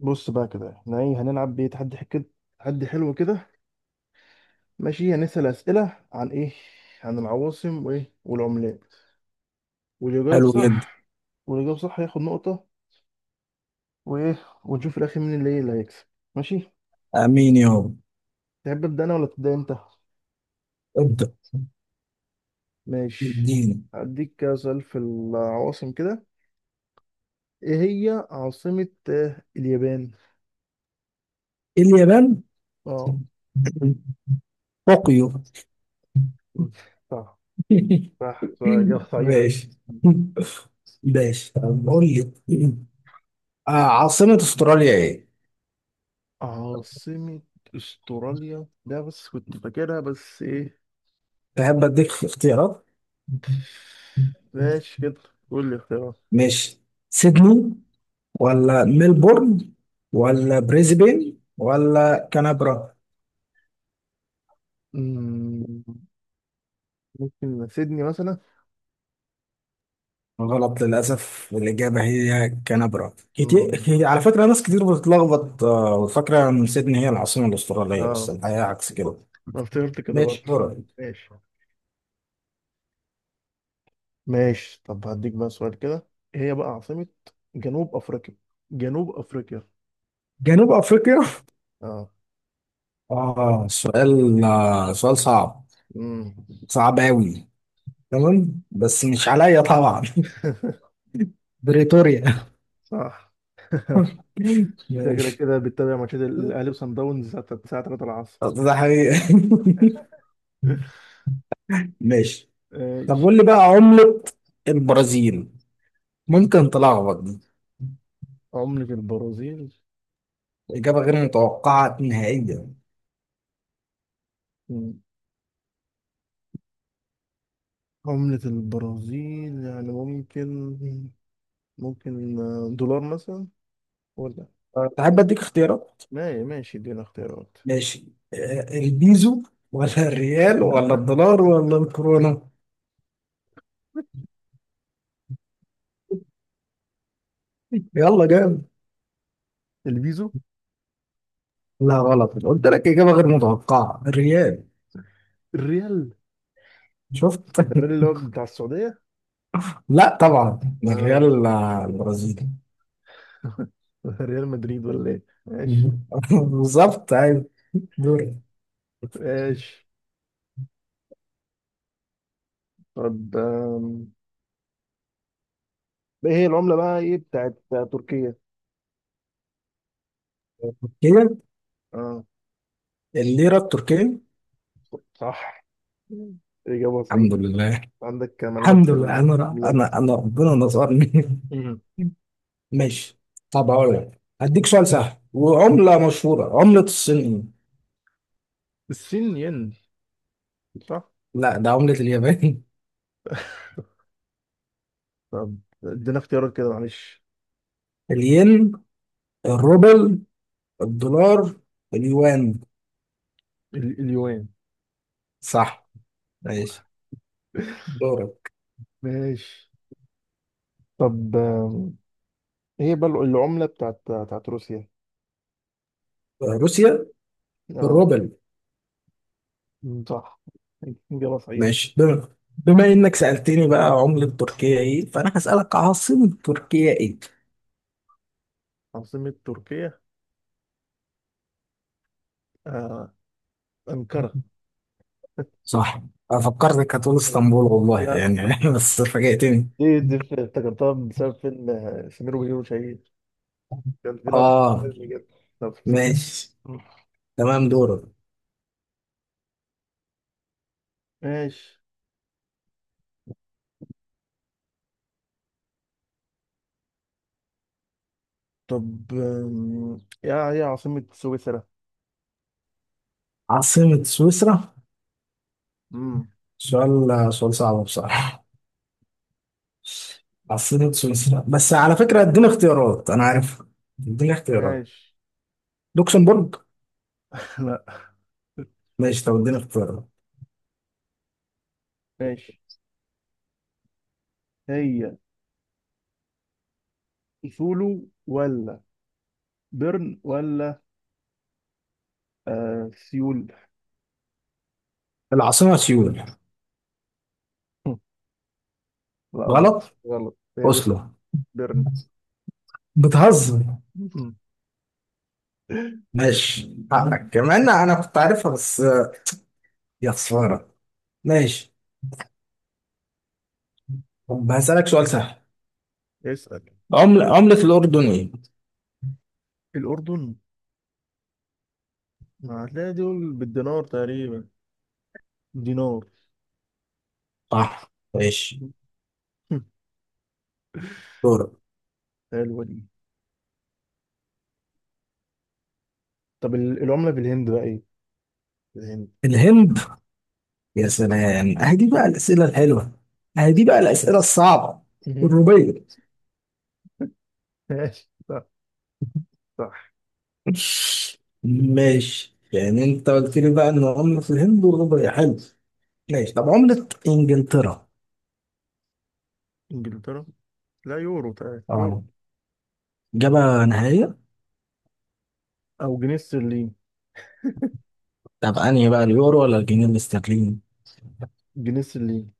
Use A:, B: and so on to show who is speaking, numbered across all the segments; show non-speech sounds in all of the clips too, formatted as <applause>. A: بص بقى كده احنا ايه هنلعب بيه كده تحدي حلو كده. ماشي، هنسأل أسئلة عن ايه، عن العواصم وايه والعملات. واللي يجاوب
B: حلو جدا.
A: صح واللي يجاوب صح هياخد نقطة وايه. ونشوف في الأخير مين اللي ايه اللي هيكسب. ماشي.
B: امين يابا.
A: تحب أبدأ أنا ولا تبدأ أنت؟
B: ابدا.
A: ماشي.
B: اديني.
A: هديك كده سؤال في العواصم كده، ايه هي عاصمة اليابان؟
B: اليابان.
A: اه.
B: طوكيو.
A: صح
B: <laughs>
A: صح صح، إجابة صحيحة.
B: ماشي. ماشي، طب قول لي، عاصمة استراليا ايه؟
A: عاصمة استراليا ده بس كنت فاكرها بس ايه.
B: تحب اديك اختيارات؟
A: ماشي كده. قول لي اختيارات.
B: ماشي. سيدني ولا ملبورن ولا بريسبين ولا كانبرا؟
A: مم، ممكن سيدني مثلا.
B: غلط، للأسف الإجابة هي كانبرا.
A: مم.
B: على فكرة ناس كتير بتتلخبط، وفاكرة إن سيدني هي العاصمة الأسترالية،
A: اه.
B: بس الحقيقة عكس كده.
A: أنا افتكرت كده برضه،
B: ماشي، دورك.
A: ماشي. ماشي طب هديك بقى سؤال كده. إيه هي بقى عاصمة جنوب أفريقيا؟ جنوب أفريقيا.
B: جنوب افريقيا.
A: اه.
B: سؤال صعب.
A: مم.
B: صعب أوي. تمام، بس مش عليا طبعا.
A: <laughs>
B: <laughs> بريتوريا. <laughs>
A: صح. <laughs> شكلك
B: ماشي.
A: كده بتتابع ماتشات الأهلي وصن داونز الساعة 3 العصر.
B: ده حقيقة. <laughs>
A: <laughs>
B: ماشي، طب
A: ماشي.
B: قول لي بقى عملة البرازيل. ممكن تلخبط دي،
A: عملة البرازيل.
B: إجابة غير متوقعة نهائيا.
A: مم. عملة البرازيل يعني ممكن، ممكن دولار مثلا، ولا...
B: تحب أديك اختيارات؟
A: ما ماشي ادينا اختيارات.
B: ماشي. البيزو ولا الريال ولا
A: <laughs>
B: الدولار ولا الكورونا؟ يلا جامد.
A: البيزو.
B: لا غلط، قلت لك إجابة غير متوقعة، الريال.
A: الريال.
B: شفت؟
A: الريال اللي هو
B: <laughs>
A: بتاع السعودية.
B: لا طبعا، ده الريال
A: آه،
B: البرازيلي.
A: <laughs> ريال مدريد ولا ايه؟ ماشي.
B: مهم. <laughs> بالظبط ايوه. دوري.
A: ماشي طب، ايه هي العملة بقى ايه بتاعت تركيا؟
B: تركيا.
A: اه.
B: الليره التركيه.
A: صح، إجابة
B: الحمد
A: صحيحة.
B: لله.
A: عندك معلومات
B: الحمد
A: في
B: لله، انا ر-
A: العملات.
B: انا انا ربنا نصرني. <laughs>
A: مم.
B: ماشي، طب هقول لك هديك سؤال سهل وعمله مشهوره. عمله الصين ايه؟
A: الصين ين. صح.
B: لا، ده عمله اليابان.
A: طب ادينا اختيارات كده معلش.
B: <laughs> الين، الروبل، الدولار، اليوان.
A: اليوان.
B: صح. ماشي، دورك.
A: <laughs> ماشي. طب هي بل العملة بتاعت روسيا؟
B: روسيا.
A: اه.
B: الروبل.
A: مم. صح، إجابة صحيحة.
B: ماشي. بما انك سألتني بقى عملة تركيا ايه، فانا هسألك عاصمة تركيا ايه.
A: عاصمة تركيا آه. أنقرة.
B: صح. انا فكرتك هتقول اسطنبول،
A: <laughs>
B: والله
A: لا.
B: يعني. <laughs> بس فاجأتني.
A: افتكرتها بسبب فيلم سمير وبهير وشهير. كان في لقطة في
B: اه.
A: الفيلم كده، نفس الكلام.
B: ماشي،
A: مم.
B: تمام، دورك.
A: ماشي. طب يا هي عاصمة سويسرا؟
B: عاصمة سويسرا.
A: امم
B: سؤال صعب بصراحة. عاصمة سويسرا، بس على فكرة اديني اختيارات، انا عارف. اديني اختيارات.
A: ماشي.
B: لوكسمبورغ.
A: <laughs> لا.
B: ماشي، طب اديني اختيارات.
A: ماشي. هي سولو، ولا بيرن، ولا سيول.
B: العاصمة سيول.
A: <laughs> لا غلط.
B: غلط.
A: غلط. هي
B: اوسلو.
A: درن.
B: بتهزر.
A: <laughs>
B: ماشي، حقك كمان. انا كنت عارفها بس. يا خسارة. ماشي، طب هسألك سؤال سهل.
A: اسأل.
B: عملة الأردن ايه؟
A: الأردن، ما هتلاقي دول بالدينار تقريبا. دينار.
B: صح. ماشي،
A: <laughs>
B: دورك.
A: حلوة دي. طب العملة في الهند بقى ايه؟ في الهند.
B: الهند. يا سلام، اهدي بقى الأسئلة الحلوة، اهدي بقى الأسئلة الصعبة.
A: مهم. <laughs>
B: الروبية.
A: ماشي، صح. صح.
B: ماشي، يعني انت قلت لي بقى ان عملة الهند والروبية، حلو. ماشي، طب عملة انجلترا.
A: إنجلترا، لا يورو تقريبا، يورو.
B: اه. إجابة نهائية.
A: او جنيه استرليني.
B: طب أنهي بقى، اليورو ولا الجنيه الاسترليني؟
A: جنيه استرليني.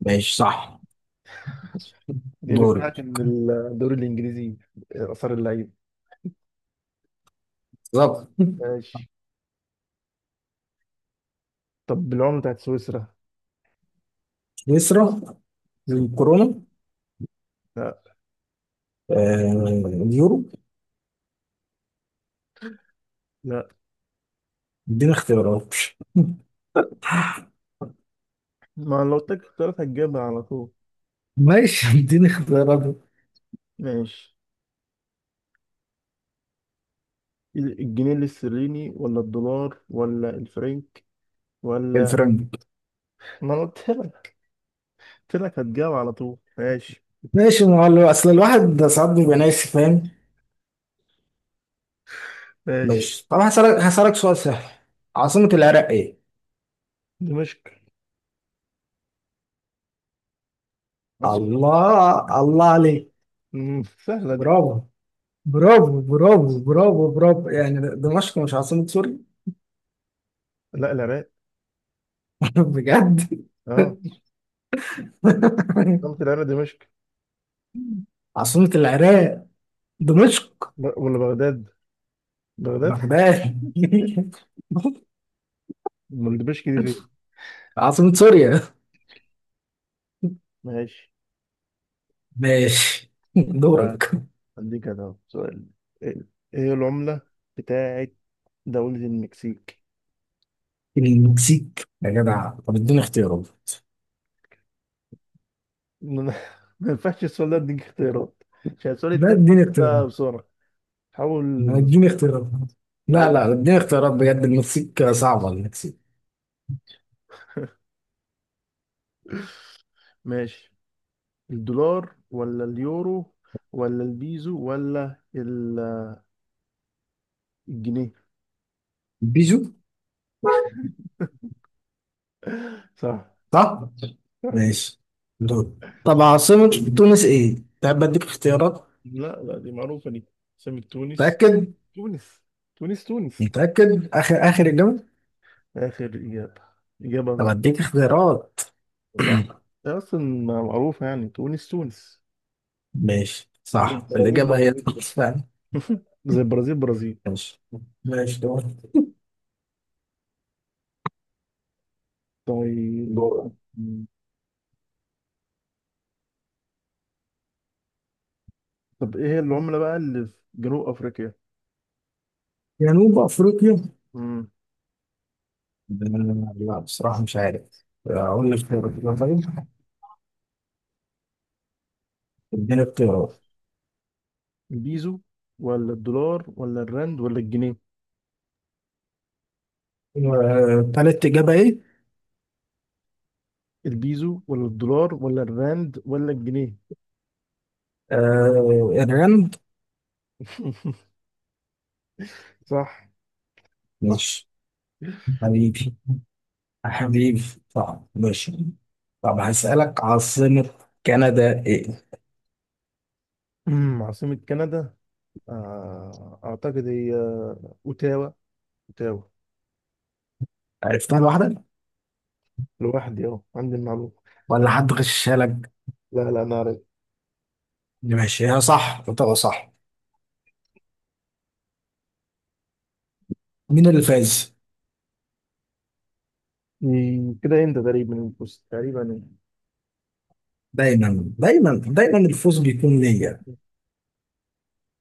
B: ماشي صح.
A: دي اللي
B: دوري.
A: بتاعت ان. الدوري الانجليزي، اثار اللعيبه.
B: بالظبط.
A: ماشي. طب العمله بتاعت سويسرا؟
B: يسرى. الكورونا.
A: لا.
B: اليورو.
A: لا.
B: اديني اختيارات.
A: ما لو اديتك اختيارات هتجيبها على طول.
B: ماشي. <laughs> اديني اختيارات.
A: ماشي، الجنيه الاسترليني ولا الدولار ولا الفرنك، ولا...
B: الفرنك.
A: ما انا قلت لك، قلت لك هتجاوب على طول. ماشي.
B: ماشي. ما هو، اصل الواحد ده ساعات بيبقى ناسي فاهم.
A: ماشي.
B: ماشي، طب هسألك سؤال سهل. عاصمة العراق ايه؟
A: دمشق. أصل.
B: الله الله عليك.
A: سهلة دي.
B: برافو. برافو برافو برافو برافو، يعني دمشق مش عاصمة سوريا؟
A: لا، العراق.
B: <laughs> بجد.
A: اه. قلت
B: <laughs>
A: العراق دمشق.
B: عاصمة العراق دمشق؟
A: ولا بغداد. بغداد.
B: بغداد. <laughs>
A: امال دمشق دي فين؟
B: عاصمة سوريا.
A: ماشي.
B: ماشي. <laughs>
A: تعال
B: دورك.
A: هديك انا أهو سؤال. ايه. إيه العملة بتاعت دولة المكسيك؟
B: المكسيك؟ يا جدع، طب اديني اختيارات.
A: ما أنا- <laughs> ما ينفعش السؤال ده اديك اختيارات، عشان السؤال
B: لا
A: التاني
B: اديني
A: ده
B: اختيارات.
A: بسرعة. حاول.
B: ما اديني اختيارات. لا
A: حاول.
B: لا، اديني اختيارات بجد، المكسيك صعبة، المكسيك.
A: ماشي، الدولار ولا اليورو ولا البيزو ولا الجنيه.
B: بيجو.
A: صح.
B: صح؟
A: صح.
B: ماشي. دور. طب عاصمة تونس ايه؟ تحب اديك اختيارات؟
A: لا لا، دي معروفة دي. سمك تونس.
B: متأكد؟
A: تونس. تونس تونس.
B: متأكد؟ اخر اخر اجابة؟
A: آخر إجابة.
B: طب
A: إجابة.
B: اديك اختيارات.
A: لا. هي أصلا معروفة، يعني تونس تونس.
B: ماشي
A: زي
B: صح،
A: البرازيل
B: الإجابة هي
A: برازيل كده.
B: تونس فعلا.
A: زي البرازيل برازيل.
B: ماشي. ماشي، دور.
A: طيب.
B: دور.
A: طب إيه هي العملة بقى اللي في جنوب أفريقيا؟
B: جنوب افريقيا.
A: مم.
B: لا بصراحة مش عارف. أقول لك اختيارات كده، طيب. اديني اختيارات.
A: البيزو ولا الدولار ولا الرند ولا الجنيه؟
B: تالت إجابة إيه؟
A: البيزو ولا الدولار ولا الراند ولا الجنيه.
B: الرند.
A: <laughs> صح. صح.
B: ماشي. حبيبي. حبيبي. طب ماشي، طب هسألك عاصمة كندا إيه؟
A: عاصمة كندا، أعتقد هي أوتاوا. أوتاوا.
B: عرفتها لوحدك؟
A: لوحدي أهو عندي المعلومة.
B: ولا حد غشها لك؟
A: لا لا، أنا عارف.
B: ماشي، هي صح، قلت صح. مين اللي فاز؟
A: إيه، كده أنت تقريبا، بص تقريبا.
B: دايما دايما دايما الفوز بيكون ليا.